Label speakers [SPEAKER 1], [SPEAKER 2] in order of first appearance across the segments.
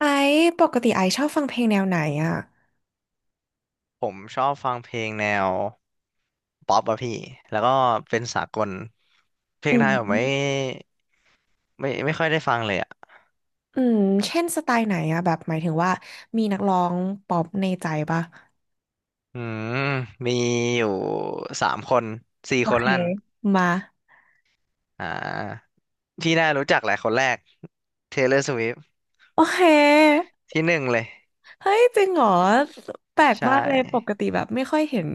[SPEAKER 1] ไอซ์ปกติไอซ์ชอบฟังเพลงแนวไหนอ่ะ
[SPEAKER 2] ผมชอบฟังเพลงแนวป๊อปอะพี่แล้วก็เป็นสากล เพล
[SPEAKER 1] อื
[SPEAKER 2] งไทยผมไม่
[SPEAKER 1] ม
[SPEAKER 2] ไม่ไม่ค่อยได้ฟังเลยอะ
[SPEAKER 1] อืมเช่นสไตล์ไหนอ่ะแบบหมายถึงว่ามีนักร้องป๊อปในใจปะ
[SPEAKER 2] อืมมีอยู่สามคนสี่
[SPEAKER 1] โอ
[SPEAKER 2] คน
[SPEAKER 1] เค
[SPEAKER 2] ลั่น
[SPEAKER 1] มา
[SPEAKER 2] อ่าพี่น่ารู้จักแหละคนแรก Taylor Swift
[SPEAKER 1] โอเค
[SPEAKER 2] ที่หนึ่งเลย
[SPEAKER 1] เฮ้ยจริงเหรอแปลก
[SPEAKER 2] ใช
[SPEAKER 1] มากเลยปก
[SPEAKER 2] ่
[SPEAKER 1] ติแบบไม่ค่อยเห็น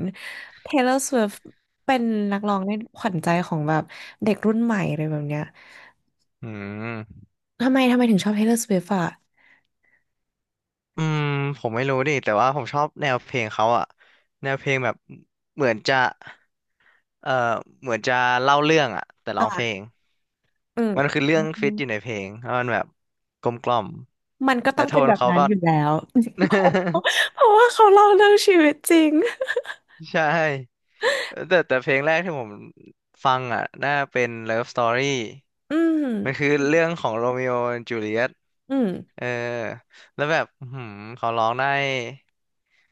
[SPEAKER 1] Taylor Swift เป็นนักร้องในขวัญใจของแบบเด็กรุ่นใหม่อะไรแบบเนี้ย
[SPEAKER 2] อืม
[SPEAKER 1] ทำไมถึงชอบ Taylor Swift อ่ะ
[SPEAKER 2] อืมผมไม่รู้ดิแต่ว่าผมชอบแนวเพลงเขาอะแนวเพลงแบบเหมือนจะเอ่อเหมือนจะเล่าเรื่องอะแต่ร้องเพ
[SPEAKER 1] อ่ะ
[SPEAKER 2] ลง
[SPEAKER 1] อื
[SPEAKER 2] มัน
[SPEAKER 1] ม
[SPEAKER 2] คือเรื่องฟิตอยู่ในเพลงเพราะมันแบบกลมกล่อม
[SPEAKER 1] มันก็ต้
[SPEAKER 2] และ
[SPEAKER 1] อง
[SPEAKER 2] โท
[SPEAKER 1] เป็น
[SPEAKER 2] น
[SPEAKER 1] แบบ
[SPEAKER 2] เขา
[SPEAKER 1] นั้น
[SPEAKER 2] ก็
[SPEAKER 1] อยู่แล้ว เพ ราะเพราะว่าเขาเล่าเรื่องชีวิตจริง
[SPEAKER 2] ใช่แต่เพลงแรกที่ผมฟังอ่ะน่าเป็น Love Story
[SPEAKER 1] อืม
[SPEAKER 2] มันคือเรื่องของโรมิโอและจูเลียต
[SPEAKER 1] อืม
[SPEAKER 2] เออแล้วแบบอื้อหืมเขาร้องได้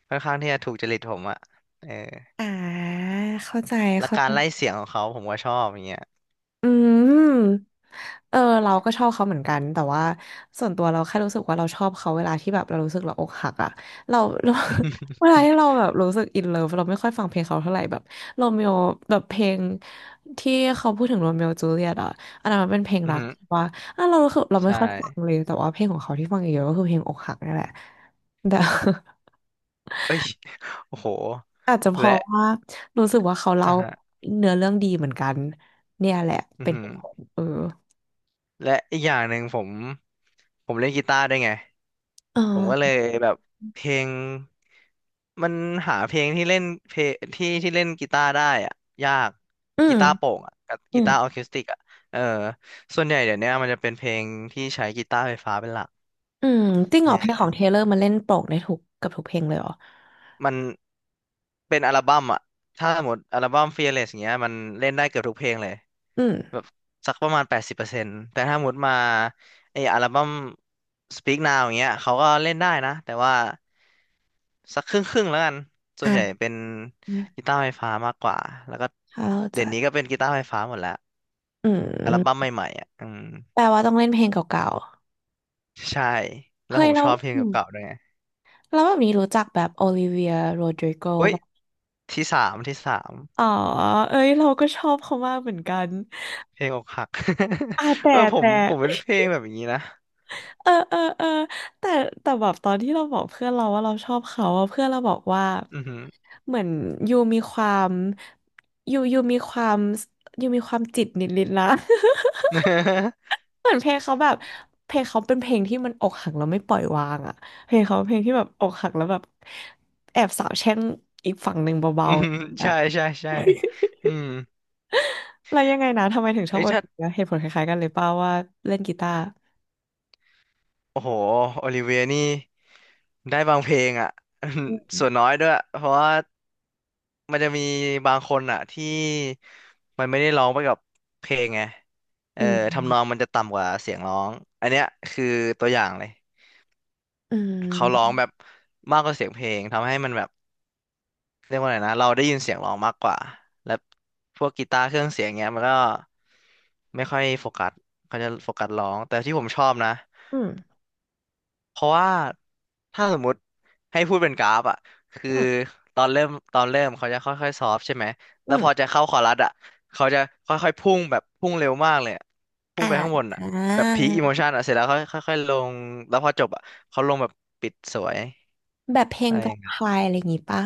[SPEAKER 2] ค่อนข้างที่จะถูกจริตผมอ่ะเออ
[SPEAKER 1] อ่าเข้าใจ
[SPEAKER 2] และ
[SPEAKER 1] เข้า
[SPEAKER 2] กา
[SPEAKER 1] ใจ
[SPEAKER 2] รไล่เสียงของเขาผมก็ชอบอย่างเงี้ย
[SPEAKER 1] อืม เออ เราก็ชอบเขาเหมือนกันแต่ว่าส่วนตัวเราแค่รู้สึกว่าเราชอบเขาเวลาที่แบบเรารู้สึกเราอกหักอะเรา เรา เวลาที่เราแบบรู้สึกอินเลิฟเราไม่ค่อยฟังเพลงเขาเท่าไหร่แบบโรเมโอแบบเพลงที่เขาพูดถึงโรเมโอจูเลียตอะอันนั้นมันเป็นเพลง
[SPEAKER 2] อือ
[SPEAKER 1] รัก
[SPEAKER 2] หือ
[SPEAKER 1] ว่าอ่ะเรารู้สึกเราไม่
[SPEAKER 2] ใช่
[SPEAKER 1] ค่อยฟังเลยแต่ว่าเพลงของเขาที่ฟังเยอะๆก็คือเพลงอกหักนี่แหละ แต่
[SPEAKER 2] เอ้ยโอ้โห
[SPEAKER 1] อาจจะเพ
[SPEAKER 2] และ
[SPEAKER 1] ราะว่ารู้สึกว่าเขาเล่า
[SPEAKER 2] อ่ะฮะ
[SPEAKER 1] เนื้อเรื่องดีเหมือนกันเนี่ยแหละ
[SPEAKER 2] อือ
[SPEAKER 1] เป็น
[SPEAKER 2] หื
[SPEAKER 1] เห
[SPEAKER 2] อ
[SPEAKER 1] ตุผลเออ
[SPEAKER 2] และอีกอย่างหนึ่งผมเล่นกีตาร์ด้วยไง
[SPEAKER 1] เ
[SPEAKER 2] ผมก็เล
[SPEAKER 1] ออ
[SPEAKER 2] ยแบบเพลงมันหาเพลงที่เล่นเพลงที่เล่นกีตาร์ได้อะยาก
[SPEAKER 1] อื
[SPEAKER 2] กี
[SPEAKER 1] ม
[SPEAKER 2] ตาร์โปร่งอะกับ
[SPEAKER 1] อื
[SPEAKER 2] กี
[SPEAKER 1] ม
[SPEAKER 2] ตาร์ออร์เคสติกอะเออส่วนใหญ่เดี๋ยวเนี้ยมันจะเป็นเพลงที่ใช้กีตาร์ไฟฟ้าเป็นหลัก
[SPEAKER 1] อืมจริงเหรอเพลง
[SPEAKER 2] เออ
[SPEAKER 1] ของเทเลอร์มันเล่นโปร่งนทุกกับทุกเพลงเลยเหรอ
[SPEAKER 2] มันเป็นอัลบั้มอะถ้าสมมติอัลบั้ม Fearless อย่างเงี้ยมันเล่นได้เกือบทุกเพลงเลย
[SPEAKER 1] อืม
[SPEAKER 2] แบบสักประมาณ80%แต่ถ้าหมดมาไออัลบั้ม Speak Now อย่างเงี้ยเขาก็เล่นได้นะแต่ว่าสักครึ่งครึ่งแล้วกันส่วนใหญ่
[SPEAKER 1] อ่า
[SPEAKER 2] เป็นกีตาร์ไฟฟ้ามากกว่าแล้วก็
[SPEAKER 1] เข้าใจ
[SPEAKER 2] เดี๋ยวนี้ก็เป็นกีตาร์ไฟฟ้าหมดแล้ว
[SPEAKER 1] อื
[SPEAKER 2] อัลบั้ม
[SPEAKER 1] ม
[SPEAKER 2] ใหม่ๆอ่ะอืม
[SPEAKER 1] แปลว่าต้องเล่นเพลงเก่า
[SPEAKER 2] ใช่
[SPEAKER 1] ๆ
[SPEAKER 2] แล้ว
[SPEAKER 1] เฮ้
[SPEAKER 2] ผ
[SPEAKER 1] ย
[SPEAKER 2] ม
[SPEAKER 1] เรา
[SPEAKER 2] ชอบเพลง
[SPEAKER 1] อืม
[SPEAKER 2] เก่าๆด้วยไง
[SPEAKER 1] แล้วแบบนี้รู้จักแบบโอลิเวียโรดริโก
[SPEAKER 2] เฮ้ย
[SPEAKER 1] แบบ
[SPEAKER 2] ที่สาม
[SPEAKER 1] อ๋อเอ้ยเราก็ชอบเขามากเหมือนกัน
[SPEAKER 2] เพลงอกหัก
[SPEAKER 1] อ่า แต่
[SPEAKER 2] เออผม
[SPEAKER 1] แต่
[SPEAKER 2] ผมเป็นเพลงแบบอย่างนี้นะ
[SPEAKER 1] เออแต่แต่แบบตอนที่เราบอกเพื่อนเราว่าเราชอบเขาอะเพื่อนเราบอกว่า
[SPEAKER 2] อือหือ
[SPEAKER 1] เหมือนยูมีความยูมีความยูมีความจิตนิดนนะ เหมือนเพลงเขาแบบเพลงเขาเป็นเพลงที่มันอกหักแล้วไม่ปล่อยวางอะเพลงเขาเป็นเพลงที่แบบอกหักแล้วแบบแอบสาวแช่งอีกฝั่งหนึ่งเบา
[SPEAKER 2] อือ
[SPEAKER 1] ๆอะ
[SPEAKER 2] ใช่ใช่ใช่ อืม
[SPEAKER 1] แล้วยังไงนะทำไมถึงชอบ
[SPEAKER 2] เอ้ย
[SPEAKER 1] เอ
[SPEAKER 2] ถ้า
[SPEAKER 1] เอนะเหตุผลคล้ายๆกันเลยเป่าว่าเล่นกีตาร์
[SPEAKER 2] โอ้โหโอลิเวียนี่ได้บางเพลงอ่ะ ส่วนน้อยด้วยเพราะว่ามันจะมีบางคนอ่ะที่มันไม่ได้ร้องไปกับเพลงไงเอ
[SPEAKER 1] อื
[SPEAKER 2] อทำนอง
[SPEAKER 1] ม
[SPEAKER 2] มันจะต่ำกว่าเสียงร้องอันเนี้ยคือตัวอย่างเลย
[SPEAKER 1] อื
[SPEAKER 2] เขาร้อง
[SPEAKER 1] ม
[SPEAKER 2] แบบมากกว่าเสียงเพลงทำให้มันแบบเรียกว่าไงนะเราได้ยินเสียงร้องมากกว่าและพวกกีตาร์เครื่องเสียงเงี้ยมันก็ไม่ค่อยโฟกัสเขาจะโฟกัสร้องแต่ที่ผมชอบนะ
[SPEAKER 1] อืม
[SPEAKER 2] เพราะว่าถ้าสมมติให้พูดเป็นกราฟอ่ะคือ
[SPEAKER 1] อืม
[SPEAKER 2] ตอนเริ่มเขาจะค่อยๆซอฟต์ใช่ไหม
[SPEAKER 1] อื
[SPEAKER 2] แล้ว
[SPEAKER 1] ม
[SPEAKER 2] พอจะเข้าคอรัสอ่ะเขาจะค่อยๆพุ่งแบบพุ่งเร็วมากเลยอะพุ่งไปข้างบนอ่ะแบบพีคอิโมชันอ่ะเสร็จแล้วค่อยค่อยๆลงแล้วพอจบอ่ะเขาลงแบบปิดสวย
[SPEAKER 1] แบบเพลง
[SPEAKER 2] อะไร
[SPEAKER 1] แว
[SPEAKER 2] อย่า
[SPEAKER 1] ม
[SPEAKER 2] งเงี้
[SPEAKER 1] ไพ
[SPEAKER 2] ย
[SPEAKER 1] ร์อะไรอย่างงี้ปะ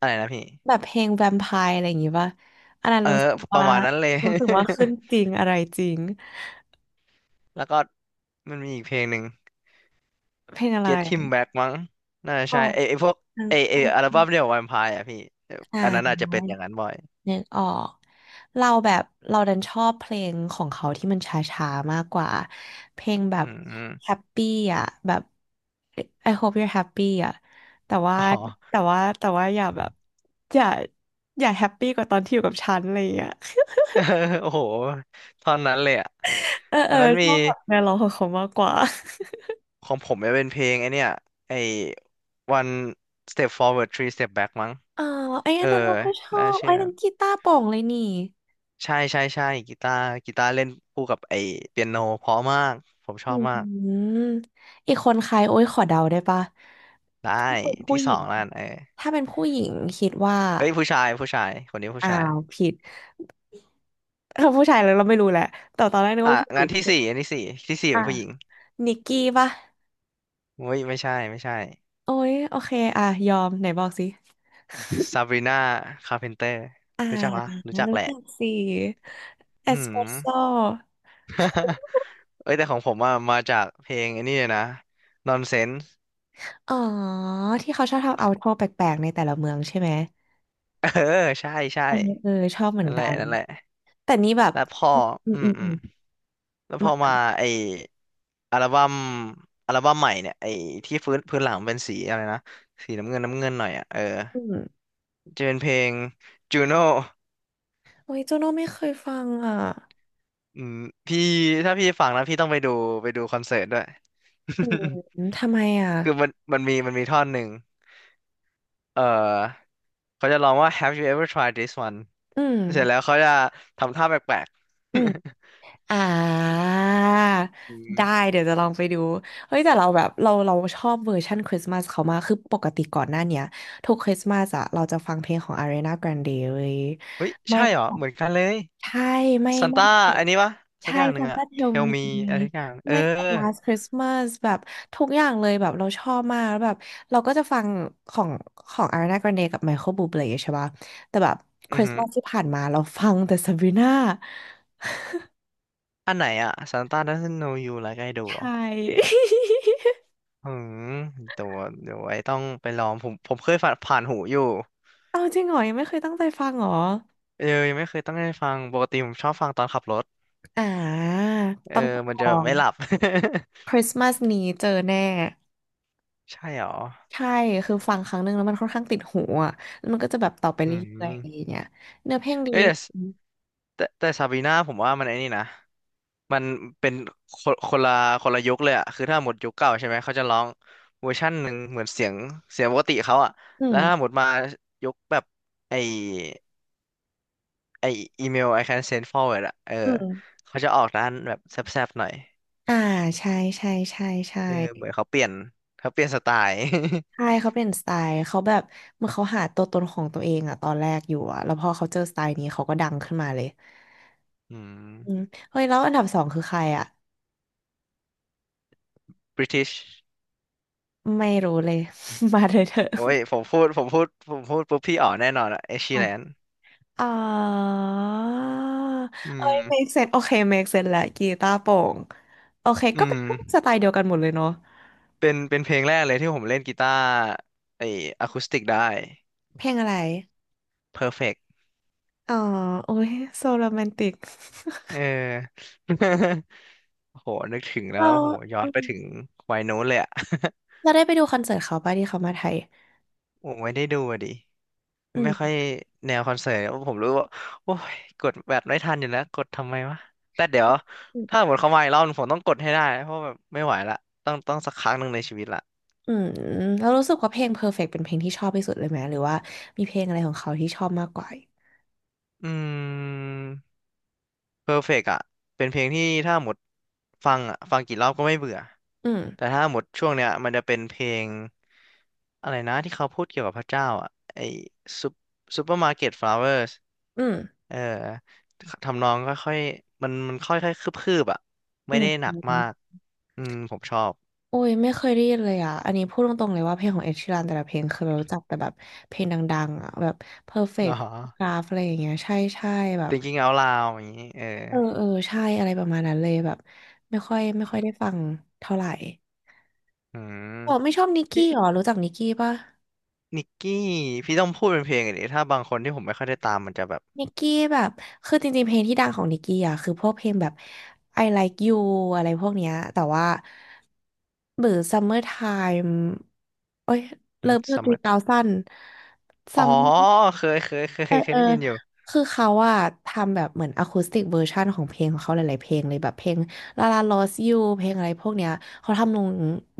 [SPEAKER 2] อะไรนะพี่
[SPEAKER 1] แบบเพลงแวมไพร์อะไรอย่างงี้ปะอันนั้น
[SPEAKER 2] เออ
[SPEAKER 1] รู้สึก
[SPEAKER 2] ป
[SPEAKER 1] ว่า
[SPEAKER 2] ระมาณนั้นเลย
[SPEAKER 1] รู้สึกว่าขึ้นจริงอะไรจริง
[SPEAKER 2] แล้วก็มันมีอีกเพลงหนึ่ง
[SPEAKER 1] เพลงอะไร
[SPEAKER 2] Get Him Back มั้งน่าจะ
[SPEAKER 1] อ๋อ
[SPEAKER 2] ใช่ไอพวก
[SPEAKER 1] อัน
[SPEAKER 2] ไอ
[SPEAKER 1] อัน
[SPEAKER 2] อัลบั้มเดี่ยว Vampire อ่ะพี่เออ
[SPEAKER 1] อ่า
[SPEAKER 2] อันนั้นอาจจะเป็นอย่างนั้นบ่อย
[SPEAKER 1] นึกออกเราแบบเราดันชอบเพลงของเขาที่มันช้าๆมากกว่า เพลงแบ
[SPEAKER 2] อื
[SPEAKER 1] บ
[SPEAKER 2] ม
[SPEAKER 1] happy อ่ะแบบ I hope you're happy อ่ะแต่ว่า
[SPEAKER 2] อ๋อ
[SPEAKER 1] แต่ว่าอย่าแบบอย่าอย่าแฮปปี้กว่าตอนที่อยู่กับฉันอะไรอย่างเงี้ย
[SPEAKER 2] เออโอ้โหตอนนั้นเลยอ่ะ
[SPEAKER 1] เออเอ
[SPEAKER 2] แล้
[SPEAKER 1] อ
[SPEAKER 2] วมัน
[SPEAKER 1] ช
[SPEAKER 2] มี
[SPEAKER 1] อบแบบแนวร้องของเขามากกว่า
[SPEAKER 2] ของผมจะเป็นเพลงไอเนี่ย ไอ one step forward three step back มั้ง
[SPEAKER 1] อ๋อไอ้อั
[SPEAKER 2] เอ
[SPEAKER 1] นนั้น
[SPEAKER 2] อ
[SPEAKER 1] เราก็ชอ
[SPEAKER 2] น่า
[SPEAKER 1] บ
[SPEAKER 2] เชื่
[SPEAKER 1] ไอ้
[SPEAKER 2] อนั้
[SPEAKER 1] นั้
[SPEAKER 2] น
[SPEAKER 1] นกีตาร์โปร่งเลยนี่
[SPEAKER 2] ใช่ใช่ใช่กีตาร์เล่นคู่กับไอเปียโนเพราะมากผมช
[SPEAKER 1] อื
[SPEAKER 2] อบ
[SPEAKER 1] ม
[SPEAKER 2] มาก
[SPEAKER 1] ออีกคนใครโอ้ยขอเดาได้ปะ
[SPEAKER 2] ได้
[SPEAKER 1] ถ้าเป็นผู้
[SPEAKER 2] ที่
[SPEAKER 1] ห
[SPEAKER 2] ส
[SPEAKER 1] ญิ
[SPEAKER 2] อ
[SPEAKER 1] ง
[SPEAKER 2] งแล้วกันเออ
[SPEAKER 1] ถ้าเป็นผู้หญิงคิดว่า
[SPEAKER 2] เอ้ยผู้ชายคนนี้ผู้
[SPEAKER 1] อ้า
[SPEAKER 2] ชาย
[SPEAKER 1] วผิดเออผู้ชายแล้วเราไม่รู้แหละแต่ตอนแรกนึก
[SPEAKER 2] อ่ะ
[SPEAKER 1] ว่าผู้ห
[SPEAKER 2] งา
[SPEAKER 1] ญิ
[SPEAKER 2] น
[SPEAKER 1] ง
[SPEAKER 2] อันที่สี่ที่สี่
[SPEAKER 1] อ่ะ
[SPEAKER 2] เป็นผู้หญิง
[SPEAKER 1] นิกกี้ปะ
[SPEAKER 2] เฮ้ยไม่ใช่ไม่ใช่
[SPEAKER 1] โอ้ยโอเคอ่ะยอมไหนบอกสิ
[SPEAKER 2] ซาบรีนาคาร์เพนเตอร์
[SPEAKER 1] อ่า
[SPEAKER 2] รู้จักปะรู้จัก
[SPEAKER 1] รู้
[SPEAKER 2] แหละ
[SPEAKER 1] จักสิเอส
[SPEAKER 2] หืม
[SPEAKER 1] เปรสโซ่
[SPEAKER 2] เอ้ยแต่ของผมอ่ะมาจากเพลงไอันนี้เลยนะ Nonsense
[SPEAKER 1] อ๋อที่เขาชอบทำเอาท์ดอร์แปลกๆในแต่ละเมืองใช่ไหม
[SPEAKER 2] เออใช่ใช่
[SPEAKER 1] เออเออชอบเหมือ
[SPEAKER 2] นั่
[SPEAKER 1] น
[SPEAKER 2] นแห
[SPEAKER 1] กั
[SPEAKER 2] ละ
[SPEAKER 1] น
[SPEAKER 2] นั่นแหละ
[SPEAKER 1] แต่นี่แบบ
[SPEAKER 2] แล้วพอ
[SPEAKER 1] อืม
[SPEAKER 2] อื
[SPEAKER 1] อื
[SPEAKER 2] ม
[SPEAKER 1] ม
[SPEAKER 2] อื
[SPEAKER 1] อื
[SPEAKER 2] ม
[SPEAKER 1] ม
[SPEAKER 2] แล้วพ
[SPEAKER 1] มา
[SPEAKER 2] อ
[SPEAKER 1] ก่อ
[SPEAKER 2] มา
[SPEAKER 1] น
[SPEAKER 2] ไออัลบั้มอัลบั้มใหม่เนี่ยไอที่พื้นหลังเป็นสีอะไรนะสีน้ำเงินน้ำเงินหน่อยอ่ะเออ
[SPEAKER 1] อืม
[SPEAKER 2] จะเป็นเพลง Juno
[SPEAKER 1] โอ้ยโจโน่ไม่เคยฟังอ่ะ
[SPEAKER 2] อืมพี่ถ้าพี่ฟังนะพี่ต้องไปดูไปดูคอนเสิร์ตด้วย
[SPEAKER 1] อืมทำไมอ่ะ
[SPEAKER 2] คือมันมีท่อนหนึ่ง เออเขาจะลองว่า Have you ever tried this one
[SPEAKER 1] อืม
[SPEAKER 2] เสร็จแล้วเขาจะทำท่าแปลก
[SPEAKER 1] อืม
[SPEAKER 2] ๆ
[SPEAKER 1] อ่า
[SPEAKER 2] อืม
[SPEAKER 1] ได้เดี๋ยวจะลองไปดูเฮ้ยแต่เราแบบเราชอบเวอร์ชันคริสต์มาสเขามากคือปกติก่อนหน้าเนี้ยทุกคริสต์มาสอะเราจะฟังเพลงของ Ariana Grande เว้ย
[SPEAKER 2] เฮ้ย
[SPEAKER 1] ไม่
[SPEAKER 2] ใช่เหรอเหมือนกันเลย
[SPEAKER 1] ใช่ไม่
[SPEAKER 2] ซัน
[SPEAKER 1] ไม่
[SPEAKER 2] ต้าอันนี้ปะสัก
[SPEAKER 1] ใช่
[SPEAKER 2] อย่างหนึ่งอะ
[SPEAKER 1] Santa Tell
[SPEAKER 2] Tell
[SPEAKER 1] Me
[SPEAKER 2] me อะไรสักอย่างเออ
[SPEAKER 1] ไม่ก็ Last Christmas แบบทุกอย่างเลยแบบเราชอบมากแล้วแบบเราก็จะฟังของของ Ariana Grande กับ Michael Bublé ใช่ป่ะแต่แบบ
[SPEAKER 2] อือหือ
[SPEAKER 1] Christmas ที่ผ่านมาเราฟังแต่ Sabrina
[SPEAKER 2] อันไหนอะ Santa doesn't know you like I do เหรอ
[SPEAKER 1] ใช่
[SPEAKER 2] อืมเดี๋ยวเดี๋ยวไว้ต้องไปลองผมเคยผ่านหูอยู่
[SPEAKER 1] เอาจริงเหรอยังไม่เคยตั้งใจฟังเหรอ
[SPEAKER 2] เออยังไม่เคยต้องได้ฟังปกติผมชอบฟังตอนขับรถ
[SPEAKER 1] อ่า
[SPEAKER 2] เออ
[SPEAKER 1] ต้อง
[SPEAKER 2] มัน
[SPEAKER 1] ลอ
[SPEAKER 2] จะแบบ
[SPEAKER 1] ง
[SPEAKER 2] ไม่หลับ
[SPEAKER 1] Christmas นี้เจอแน่
[SPEAKER 2] ใช่เหรอ
[SPEAKER 1] ใช่คือฟังครั้งหนึ่งแล้วมันค่อนข้างติดหูอ่ะแล้วมันก็จะแบบต่อไป
[SPEAKER 2] อื
[SPEAKER 1] เรื่อ
[SPEAKER 2] ม
[SPEAKER 1] ยๆอย่างเงี้ยเนื้อเพลงดี
[SPEAKER 2] เอ้ย
[SPEAKER 1] ด้ว
[SPEAKER 2] แต่
[SPEAKER 1] ย
[SPEAKER 2] แต่ซาบีนาผมว่ามันไอ้นี่นะมันเป็นคนคนละคนละยุคเลยอะคือถ้าหมดยุคเก่าใช่ไหมเขาจะร้องเวอร์ชันหนึ่งเหมือนเสียงปกติเขาอะ
[SPEAKER 1] อื
[SPEAKER 2] แล้วถ้าห
[SPEAKER 1] ม
[SPEAKER 2] มดมายุคแบบไอไออีเมล I can send forward อะเออ
[SPEAKER 1] อืม
[SPEAKER 2] เขาจะออกด้านแบบแซบๆหน่อย
[SPEAKER 1] อ่าใช่ใช่ใช่ใช่
[SPEAKER 2] เออเหมือนเขาเปลี่ยนสไตล์
[SPEAKER 1] ใช่เขาเป็นสไตล์เขาแบบเหมื่อนเขาหาตัวตนของตัวเองอะตอนแรกอยู่อะแล้วพอเขาเจอสไตล์นี้เขาก็ดังขึ้นมาเลย
[SPEAKER 2] อืม
[SPEAKER 1] อืมเฮ้ยแล้วอันดับสองคือใครอะ
[SPEAKER 2] บริติช
[SPEAKER 1] ไม่รู้เลย มาเลยเถอะ
[SPEAKER 2] โอ้ยผมพูดปุ๊บพี่อ๋อแน่นอนอะเอชชี
[SPEAKER 1] อ่ะ
[SPEAKER 2] แลน
[SPEAKER 1] อ๋อ
[SPEAKER 2] อื
[SPEAKER 1] เอ้ย
[SPEAKER 2] ม
[SPEAKER 1] make sense โอเค make sense และกีตาร์โปร่งโอเค
[SPEAKER 2] อื
[SPEAKER 1] ก็เป็น
[SPEAKER 2] ม
[SPEAKER 1] ก็เป็นสไตล์เดียวกันหมดเลยเนาะ
[SPEAKER 2] เป็นเพลงแรกเลยที่ผมเล่นกีตาร์ไอ้อะคูสติกได้
[SPEAKER 1] เพลงอะไร
[SPEAKER 2] Perfect
[SPEAKER 1] อ๋อโอ้ยโซโรแมนติก
[SPEAKER 2] เออ โอ้โหนึกถึงแล้
[SPEAKER 1] เรา
[SPEAKER 2] ว โอ้โหย้อ
[SPEAKER 1] อื
[SPEAKER 2] นไปถึง
[SPEAKER 1] ม
[SPEAKER 2] วัยโน้นเลยอะ
[SPEAKER 1] เราได้ไปดูคอนเสิร์ตเขาป่ะที่เขามาไทย
[SPEAKER 2] ผมไม่ได้ดูอะดิ
[SPEAKER 1] อื
[SPEAKER 2] ไม่ค่อย
[SPEAKER 1] ม
[SPEAKER 2] แนวคอนเสิร์ตผมรู้ว่า โอ้ยกดแบบไม่ทันอยู่แล้วกดทำไมวะแต่เดี๋ยวถ้าหมดเขามาอีกรอบหนึ่งผมต้องกดให้ได้ เพราะแบบไม่ไหวละต้องสักครั้งหนึ่งในชีวิตละ
[SPEAKER 1] อืมแล้วรู้สึกว่าเพลง Perfect เป็นเพลงที่ชอบที่สุดเลยไหมหรือว่ามีเพลงอะไรของเขาที่ชอบมากกว่า
[SPEAKER 2] อืม Perfect อ่ะเป็นเพลงที่ถ้าหมดฟังอ่ะฟังกี่รอบก็ไม่เบื่อ
[SPEAKER 1] อืม
[SPEAKER 2] แต่ถ้าหมดช่วงเนี้ยมันจะเป็นเพลงอะไรนะที่เขาพูดเกี่ยวกับพระเจ้าอ่ะไอซุปซปเปอร์มาร์เก็ตฟลาวเวอร์ส
[SPEAKER 1] อืม
[SPEAKER 2] เอ่อทำนองค่อยๆมันค่อยๆคืบๆอ่ะ
[SPEAKER 1] อื
[SPEAKER 2] ไม่
[SPEAKER 1] ม
[SPEAKER 2] ได้หนั
[SPEAKER 1] อื
[SPEAKER 2] กมา
[SPEAKER 1] ม
[SPEAKER 2] กอืมผมชอบ
[SPEAKER 1] โอ้ยไม่เคยได้ยินเลยอ่ะอันนี้พูดตรงๆเลยว่าเพลงของเอ s h ช r รันแต่ละเพลงเคยรู้จักแต่แบบเพลงดังๆอ่ะแบบ
[SPEAKER 2] อ๋อ
[SPEAKER 1] Perfect Graph อะไรอย่างเงี้ยใช่ใช่แบบ
[SPEAKER 2] Thinking Out Loud อย่างนี้เออ
[SPEAKER 1] เออใช่อะไรประมาณนั้นเลยแบบไม่ค่อยได้ฟังเท่าไหร่
[SPEAKER 2] อืม
[SPEAKER 1] อ๋อไม่ชอบนิก
[SPEAKER 2] พี่
[SPEAKER 1] กี้หรอรู้จักนิกกี้ปะ
[SPEAKER 2] นิกกี้พี่ต้องพูดเป็นเพลงอันนี้ถ้าบางคนที่ผมไม่ค่อยได้ตามมันจะแบบ
[SPEAKER 1] นิกกี้แบบคือจริงๆ เพลงที่ดังของนิกกี้อ่ะคือพวกเพลงแบบ I Like You อะไรพวกเนี้ยแต่ว่าหรือ Summertime โอ้ย
[SPEAKER 2] อืม
[SPEAKER 1] Love You 3
[SPEAKER 2] summer
[SPEAKER 1] ั0น
[SPEAKER 2] อ๋อ
[SPEAKER 1] Summer
[SPEAKER 2] เคย เคย เคย
[SPEAKER 1] เออ
[SPEAKER 2] เค
[SPEAKER 1] เอ
[SPEAKER 2] ย
[SPEAKER 1] อ
[SPEAKER 2] ได้ยินอยู่
[SPEAKER 1] คือเขาอะทำแบบเหมือนอะคูสติกเวอร์ชันของเพลงของเขาหลายๆเพลงเลยแบบเพลง La La Lost You เพลงอะไรพวกเนี้ยเขาทำลง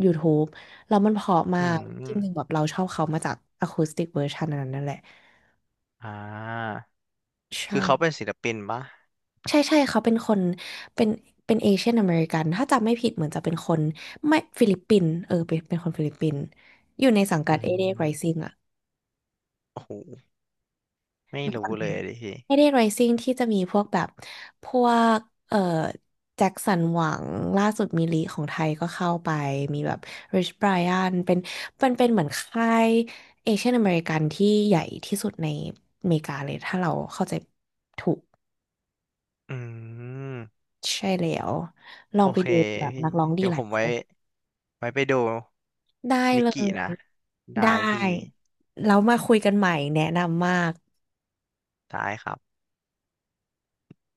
[SPEAKER 1] YouTube แล้วมันเพราะมา
[SPEAKER 2] อื
[SPEAKER 1] กจริงๆแบ
[SPEAKER 2] ม
[SPEAKER 1] บเราชอบเขามาจากอะคูสติกเวอร์ชันนั้นนั่นแหละ
[SPEAKER 2] อ่า
[SPEAKER 1] ใช่
[SPEAKER 2] คือเขาเป็นศิลปินปะ
[SPEAKER 1] ใช่ใช่เขาเป็นคนเป็นเป็นเอเชียนอเมริกันถ้าจำไม่ผิดเหมือนจะเป็นคนไม่ฟิลิปปินส์เออเป็นคนฟิลิปปินส์อยู่ในสังกั
[SPEAKER 2] อื
[SPEAKER 1] ดเอเด i ไรซิง
[SPEAKER 2] ม
[SPEAKER 1] อะ
[SPEAKER 2] โอ้โหไม่
[SPEAKER 1] นึกอ
[SPEAKER 2] รู้
[SPEAKER 1] อกไห
[SPEAKER 2] เล
[SPEAKER 1] ม
[SPEAKER 2] ยดิพี่
[SPEAKER 1] เอเด i ไรซิงที่จะมีพวกแบบพวกเอ่อแจ็คสันหวังล่าสุดมีลีของไทยก็เข้าไปมีแบบริชไบร i ันเป็นเหมือนค่ายเอเชียนอเมริกันที่ใหญ่ที่สุดในอเมริกาเลยถ้าเราเข้าใจถูก
[SPEAKER 2] อืม
[SPEAKER 1] ใช่แล้วลอ
[SPEAKER 2] โอ
[SPEAKER 1] งไป
[SPEAKER 2] เค
[SPEAKER 1] ดูแบบ
[SPEAKER 2] พี่
[SPEAKER 1] นักร้องดี
[SPEAKER 2] เดี๋ยว
[SPEAKER 1] หลา
[SPEAKER 2] ผ
[SPEAKER 1] ย
[SPEAKER 2] ม
[SPEAKER 1] ค
[SPEAKER 2] ไว้
[SPEAKER 1] น
[SPEAKER 2] ไว้ไปดู
[SPEAKER 1] ได้
[SPEAKER 2] นิ
[SPEAKER 1] เล
[SPEAKER 2] กกี้
[SPEAKER 1] ย
[SPEAKER 2] นะ
[SPEAKER 1] ได้
[SPEAKER 2] ได้พี่
[SPEAKER 1] แล้วมาคุยกันใหม่แนะนำมาก
[SPEAKER 2] ได้ครับ